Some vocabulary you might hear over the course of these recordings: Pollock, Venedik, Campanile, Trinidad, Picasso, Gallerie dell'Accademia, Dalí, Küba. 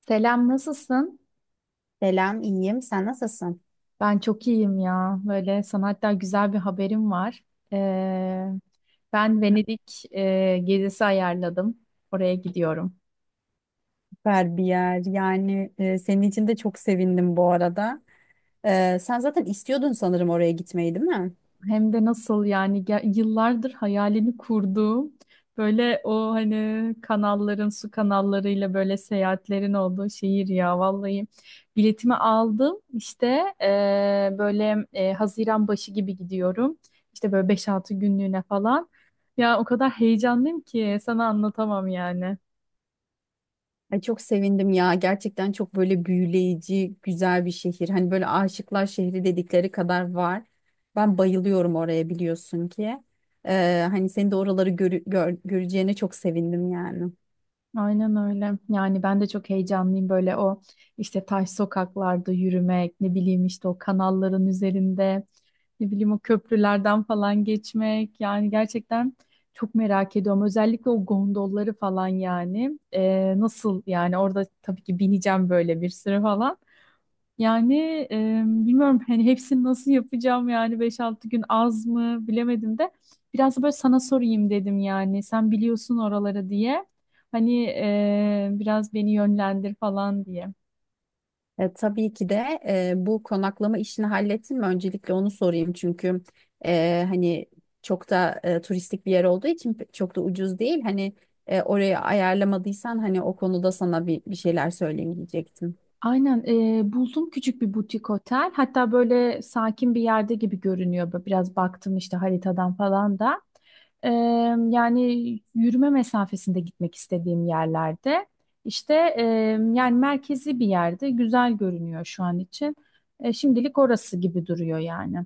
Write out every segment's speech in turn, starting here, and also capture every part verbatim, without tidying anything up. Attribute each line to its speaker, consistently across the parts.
Speaker 1: Selam, nasılsın?
Speaker 2: Selam, iyiyim. Sen nasılsın?
Speaker 1: Ben çok iyiyim ya. Böyle sana hatta güzel bir haberim var. Ee, Ben Venedik e, gezisi ayarladım. Oraya gidiyorum.
Speaker 2: Süper bir yer. Yani e, senin için de çok sevindim bu arada. Ee, sen zaten istiyordun sanırım oraya gitmeyi, değil mi?
Speaker 1: Hem de nasıl yani ge- yıllardır hayalini kurduğum böyle o hani kanalların su kanallarıyla böyle seyahatlerin olduğu şehir ya vallahi biletimi aldım işte eee, böyle eee, Haziran başı gibi gidiyorum işte böyle beş altı günlüğüne falan ya o kadar heyecanlıyım ki sana anlatamam yani.
Speaker 2: Ay çok sevindim ya. Gerçekten çok böyle büyüleyici, güzel bir şehir. Hani böyle aşıklar şehri dedikleri kadar var. Ben bayılıyorum oraya biliyorsun ki. Ee, hani seni de oraları görü- gör- göreceğine çok sevindim yani.
Speaker 1: Aynen öyle. Yani ben de çok heyecanlıyım böyle o işte taş sokaklarda yürümek, ne bileyim işte o kanalların üzerinde, ne bileyim o köprülerden falan geçmek. Yani gerçekten çok merak ediyorum. Özellikle o gondolları falan yani. Ee, nasıl yani orada tabii ki bineceğim böyle bir sürü falan. Yani e, bilmiyorum hani hepsini nasıl yapacağım yani beş altı gün az mı bilemedim de biraz da böyle sana sorayım dedim yani sen biliyorsun oraları diye hani e, biraz beni yönlendir falan diye.
Speaker 2: E, tabii ki de e, bu konaklama işini hallettin mi? Öncelikle onu sorayım çünkü e, hani çok da e, turistik bir yer olduğu için pe- çok da ucuz değil. Hani e, orayı ayarlamadıysan hani o konuda sana bir, bir şeyler söyleyeyim diyecektim.
Speaker 1: Aynen e, buldum küçük bir butik otel. Hatta böyle sakin bir yerde gibi görünüyor. Böyle biraz baktım işte haritadan falan da. E, Yani yürüme mesafesinde gitmek istediğim yerlerde. İşte e, yani merkezi bir yerde güzel görünüyor şu an için. E, şimdilik orası gibi duruyor yani.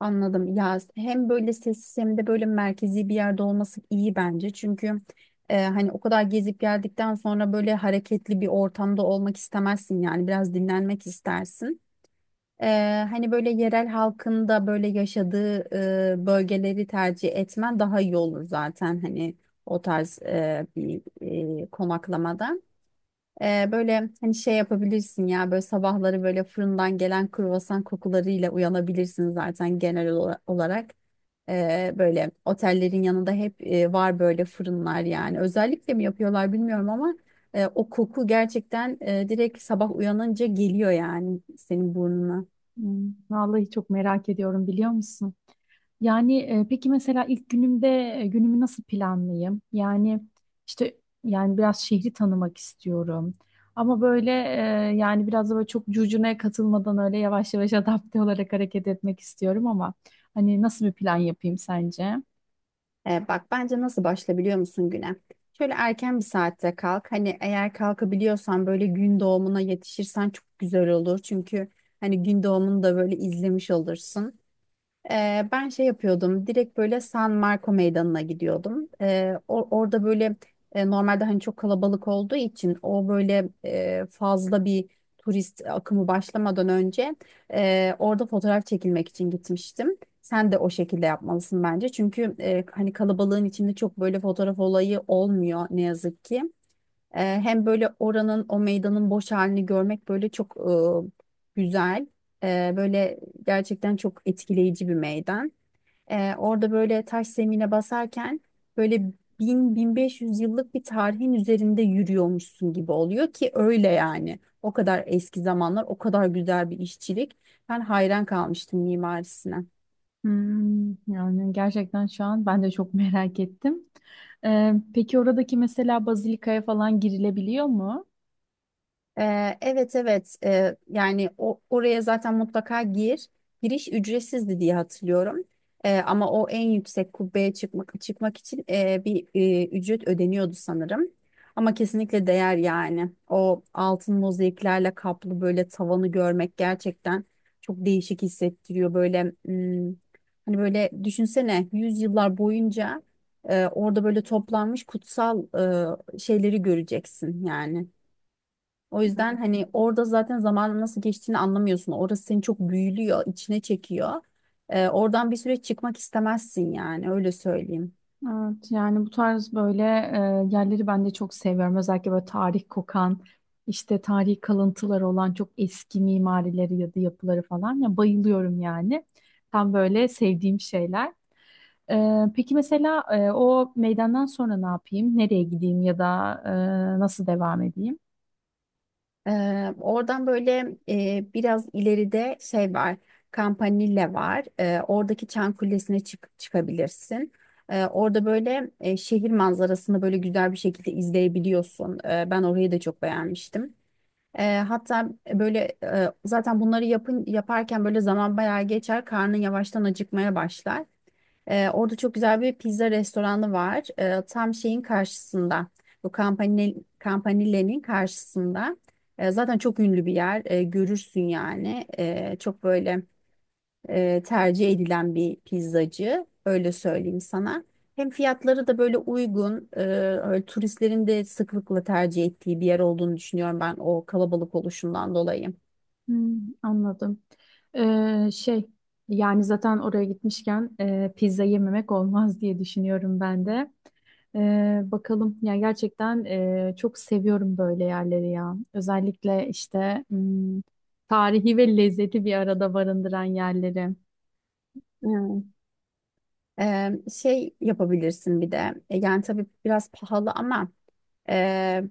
Speaker 2: Anladım. Ya hem böyle sessiz hem de böyle merkezi bir yerde olması iyi bence. Çünkü e, hani o kadar gezip geldikten sonra böyle hareketli bir ortamda olmak istemezsin yani biraz dinlenmek istersin. Ee, hani böyle yerel halkın da böyle yaşadığı e, bölgeleri tercih etmen daha iyi olur zaten hani o tarz e, bir e, konaklamada. Ee, böyle hani şey yapabilirsin ya böyle sabahları böyle fırından gelen kruvasan kokularıyla uyanabilirsin zaten genel ola- olarak. Ee, böyle otellerin yanında hep e, var böyle fırınlar yani. Özellikle mi yapıyorlar bilmiyorum ama e, o koku gerçekten e, direkt sabah uyanınca geliyor yani senin burnuna.
Speaker 1: Hmm, vallahi çok merak ediyorum biliyor musun? Yani e, peki mesela ilk günümde e, günümü nasıl planlayayım? Yani işte yani biraz şehri tanımak istiyorum. Ama böyle e, yani biraz da böyle çok curcunaya katılmadan öyle yavaş yavaş adapte olarak hareket etmek istiyorum ama hani nasıl bir plan yapayım sence?
Speaker 2: E, bak bence nasıl başla biliyor musun güne? Şöyle erken bir saatte kalk. Hani eğer kalkabiliyorsan böyle gün doğumuna yetişirsen çok güzel olur. Çünkü hani gün doğumunu da böyle izlemiş olursun. Ee, ben şey yapıyordum direkt böyle San Marco Meydanı'na gidiyordum. Ee, or- orada böyle e, normalde hani çok kalabalık olduğu için o böyle e, fazla bir turist akımı başlamadan önce e, orada fotoğraf çekilmek için gitmiştim. Sen de o şekilde yapmalısın bence. Çünkü e, hani kalabalığın içinde çok böyle fotoğraf olayı olmuyor ne yazık ki. E, hem böyle oranın o meydanın boş halini görmek böyle çok e, güzel. E, böyle gerçekten çok etkileyici bir meydan. E, orada böyle taş zemine basarken böyle bin bin beş yüz yıllık bir tarihin üzerinde yürüyormuşsun gibi oluyor ki öyle yani. O kadar eski zamanlar, o kadar güzel bir işçilik. Ben hayran kalmıştım mimarisine.
Speaker 1: Hmm, yani gerçekten şu an ben de çok merak ettim. E, peki oradaki mesela bazilikaya falan girilebiliyor mu?
Speaker 2: Ee, evet, evet. Ee, yani o, oraya zaten mutlaka gir. Giriş ücretsizdi diye hatırlıyorum. Ee, ama o en yüksek kubbeye çıkmak çıkmak için e, bir e, ücret ödeniyordu sanırım. Ama kesinlikle değer yani. O altın mozaiklerle kaplı böyle tavanı görmek gerçekten çok değişik hissettiriyor. Böyle hmm, hani böyle düşünsene yüzyıllar boyunca e, orada böyle toplanmış kutsal e, şeyleri göreceksin yani. O yüzden hani orada zaten zamanın nasıl geçtiğini anlamıyorsun. Orası seni çok büyülüyor, içine çekiyor. Ee, oradan bir süre çıkmak istemezsin yani öyle söyleyeyim.
Speaker 1: Evet, yani bu tarz böyle e, yerleri ben de çok seviyorum. Özellikle böyle tarih kokan, işte tarihi kalıntıları olan çok eski mimarileri ya da yapıları falan. Ya bayılıyorum yani. Tam böyle sevdiğim şeyler. E, peki mesela e, o meydandan sonra ne yapayım? Nereye gideyim ya da e, nasıl devam edeyim?
Speaker 2: Ee, oradan böyle e, biraz ileride şey var, Campanile var. Ee, oradaki Çan Kulesi'ne çık çıkabilirsin. Ee, orada böyle e, şehir manzarasını böyle güzel bir şekilde izleyebiliyorsun. Ee, ben orayı da çok beğenmiştim. E, hatta e, böyle e, zaten bunları yapın yaparken böyle zaman bayağı geçer. Karnın yavaştan acıkmaya başlar. E, orada çok güzel bir pizza restoranı var. E, tam şeyin karşısında. Bu Campanile, Campanile'nin karşısında. E, zaten çok ünlü bir yer. E, görürsün yani. E, çok böyle e, tercih edilen bir pizzacı. Öyle söyleyeyim sana. Hem fiyatları da böyle uygun, e, öyle turistlerin de sıklıkla tercih ettiği bir yer olduğunu düşünüyorum ben o kalabalık oluşundan dolayı.
Speaker 1: Hmm, anladım. Ee, şey yani zaten oraya gitmişken e, pizza yememek olmaz diye düşünüyorum ben de. Ee, bakalım ya gerçekten e, çok seviyorum böyle yerleri ya. Özellikle işte hmm, tarihi ve lezzeti bir arada barındıran yerleri.
Speaker 2: Hmm. Ee, şey yapabilirsin bir de. E, yani tabii biraz pahalı ama e,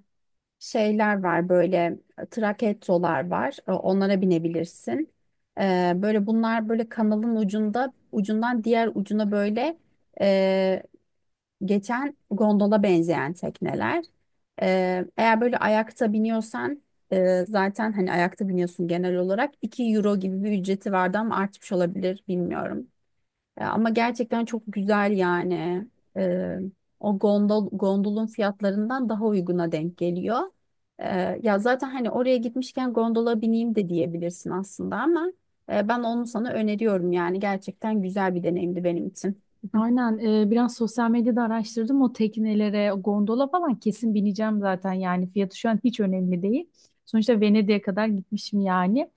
Speaker 2: şeyler var böyle e, trakettolar var. E, onlara binebilirsin. E, böyle bunlar böyle kanalın ucunda ucundan diğer ucuna böyle geçen gondola benzeyen tekneler. Ee, eğer böyle ayakta biniyorsan e, zaten hani ayakta biniyorsun genel olarak iki euro gibi bir ücreti vardı ama artmış olabilir bilmiyorum. Ee, ama gerçekten çok güzel yani. Ee, o gondol, gondolun fiyatlarından daha uyguna denk geliyor. Ee, ya zaten hani oraya gitmişken gondola bineyim de diyebilirsin aslında ama e, ben onu sana öneriyorum yani gerçekten güzel bir deneyimdi benim için.
Speaker 1: Aynen e, biraz sosyal medyada araştırdım o teknelere, o gondola falan kesin bineceğim zaten yani fiyatı şu an hiç önemli değil. Sonuçta Venedik'e kadar gitmişim yani.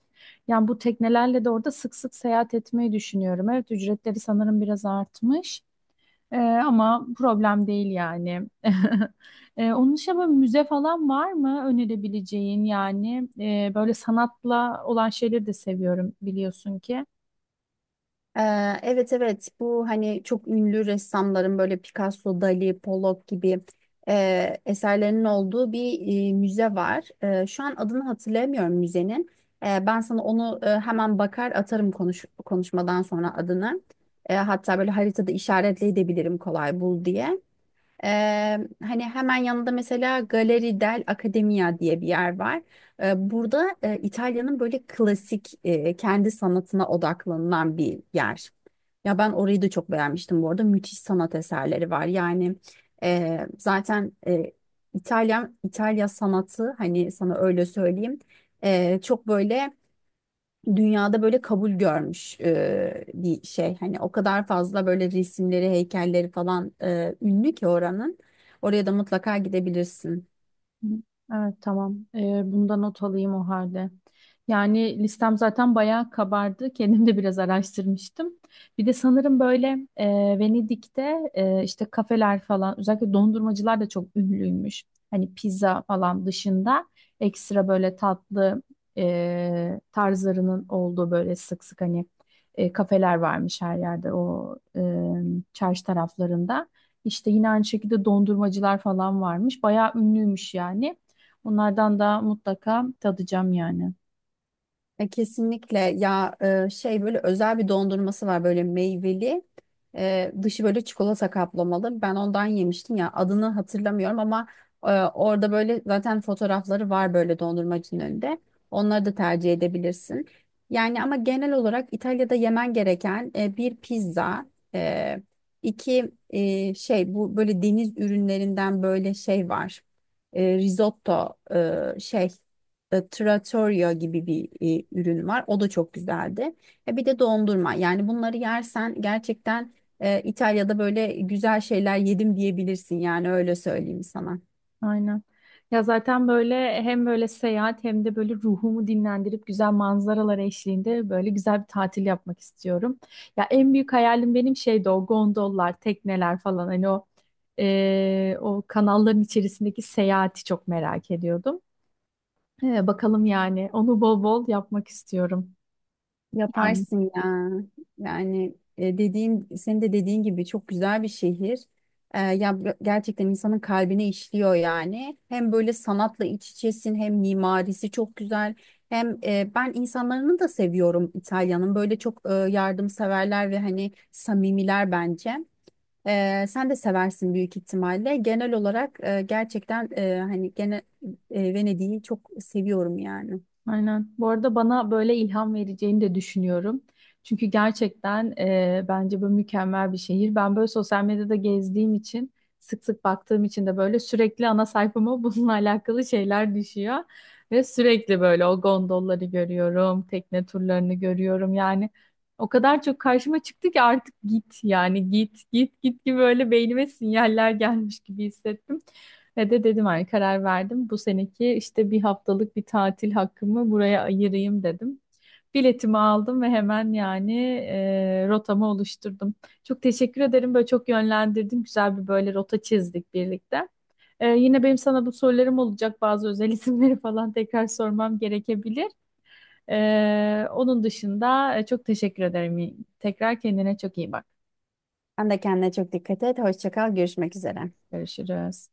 Speaker 1: Yani bu teknelerle de orada sık sık seyahat etmeyi düşünüyorum. Evet ücretleri sanırım biraz artmış. E, ama problem değil yani. E, onun dışında böyle müze falan var mı önerebileceğin yani. E, böyle sanatla olan şeyleri de seviyorum biliyorsun ki.
Speaker 2: Ee, evet, evet. Bu hani çok ünlü ressamların böyle Picasso, Dali, Pollock gibi e, eserlerinin olduğu bir e, müze var. E, şu an adını hatırlayamıyorum müzenin. E, ben sana onu e, hemen bakar atarım konuş konuşmadan sonra adını. E, hatta böyle haritada işaretleyebilirim kolay bul diye. Ee, hani hemen yanında mesela Galeri del Accademia diye bir yer var. Ee, burada e, İtalya'nın böyle klasik e, kendi sanatına odaklanılan bir yer. Ya ben orayı da çok beğenmiştim bu arada. Müthiş sanat eserleri var. Yani e, zaten e, İtalya İtalya sanatı hani sana öyle söyleyeyim. e, çok böyle dünyada böyle kabul görmüş e, bir şey. Hani o kadar fazla böyle resimleri, heykelleri falan e, ünlü ki oranın. Oraya da mutlaka gidebilirsin.
Speaker 1: Hı. Evet tamam. Ee, bunda not alayım o halde. Yani listem zaten bayağı kabardı. Kendim de biraz araştırmıştım. Bir de sanırım böyle e, Venedik'te e, işte kafeler falan özellikle dondurmacılar da çok ünlüymüş. Hani pizza falan dışında ekstra böyle tatlı e, tarzlarının olduğu böyle sık sık hani e, kafeler varmış her yerde o e, çarşı taraflarında. İşte yine aynı şekilde dondurmacılar falan varmış. Bayağı ünlüymüş yani. Onlardan da mutlaka tadacağım yani.
Speaker 2: E, kesinlikle ya e, şey böyle özel bir dondurması var böyle meyveli. E, dışı böyle çikolata kaplamalı ben ondan yemiştim ya adını hatırlamıyorum ama e, orada böyle zaten fotoğrafları var böyle dondurmacının önünde onları da tercih edebilirsin yani ama genel olarak İtalya'da yemen gereken e, bir pizza, e, iki e, şey bu böyle deniz ürünlerinden böyle şey var. E, risotto e, şey e, trattoria gibi bir e, ürün var. O da çok güzeldi. E, bir de dondurma. Yani bunları yersen gerçekten e, İtalya'da böyle güzel şeyler yedim diyebilirsin. Yani öyle söyleyeyim sana.
Speaker 1: Aynen. Ya zaten böyle hem böyle seyahat hem de böyle ruhumu dinlendirip güzel manzaralar eşliğinde böyle güzel bir tatil yapmak istiyorum. Ya en büyük hayalim benim şeydi o gondollar, tekneler falan hani o eee, o kanalların içerisindeki seyahati çok merak ediyordum. Ee, bakalım yani onu bol bol yapmak istiyorum. Yani.
Speaker 2: Yaparsın ya. Yani e, dediğin, senin de dediğin gibi çok güzel bir şehir. E, ya bu- gerçekten insanın kalbine işliyor yani. Hem böyle sanatla iç içesin, hem mimarisi çok güzel. Hem e, ben insanlarını da seviyorum İtalya'nın. Böyle çok e, yardımseverler ve hani samimiler bence. E, sen de seversin büyük ihtimalle. Genel olarak e, gerçekten e, hani gene e, Venedik'i çok seviyorum yani.
Speaker 1: Aynen. Bu arada bana böyle ilham vereceğini de düşünüyorum. Çünkü gerçekten e, bence bu mükemmel bir şehir. Ben böyle sosyal medyada gezdiğim için, sık sık baktığım için de böyle sürekli ana sayfama bununla alakalı şeyler düşüyor. Ve sürekli böyle o gondolları görüyorum, tekne turlarını görüyorum. Yani o kadar çok karşıma çıktı ki artık git yani git git git gibi böyle beynime sinyaller gelmiş gibi hissettim. Ve de dedim hani karar verdim. Bu seneki işte bir haftalık bir tatil hakkımı buraya ayırayım dedim. Biletimi aldım ve hemen yani e, rotamı oluşturdum. Çok teşekkür ederim. Böyle çok yönlendirdin. Güzel bir böyle rota çizdik birlikte. E, yine benim sana bu sorularım olacak. Bazı özel isimleri falan tekrar sormam gerekebilir. E, onun dışında e, çok teşekkür ederim. Tekrar kendine çok iyi bak.
Speaker 2: Sen de kendine çok dikkat et. Hoşça kal. Görüşmek üzere.
Speaker 1: Görüşürüz.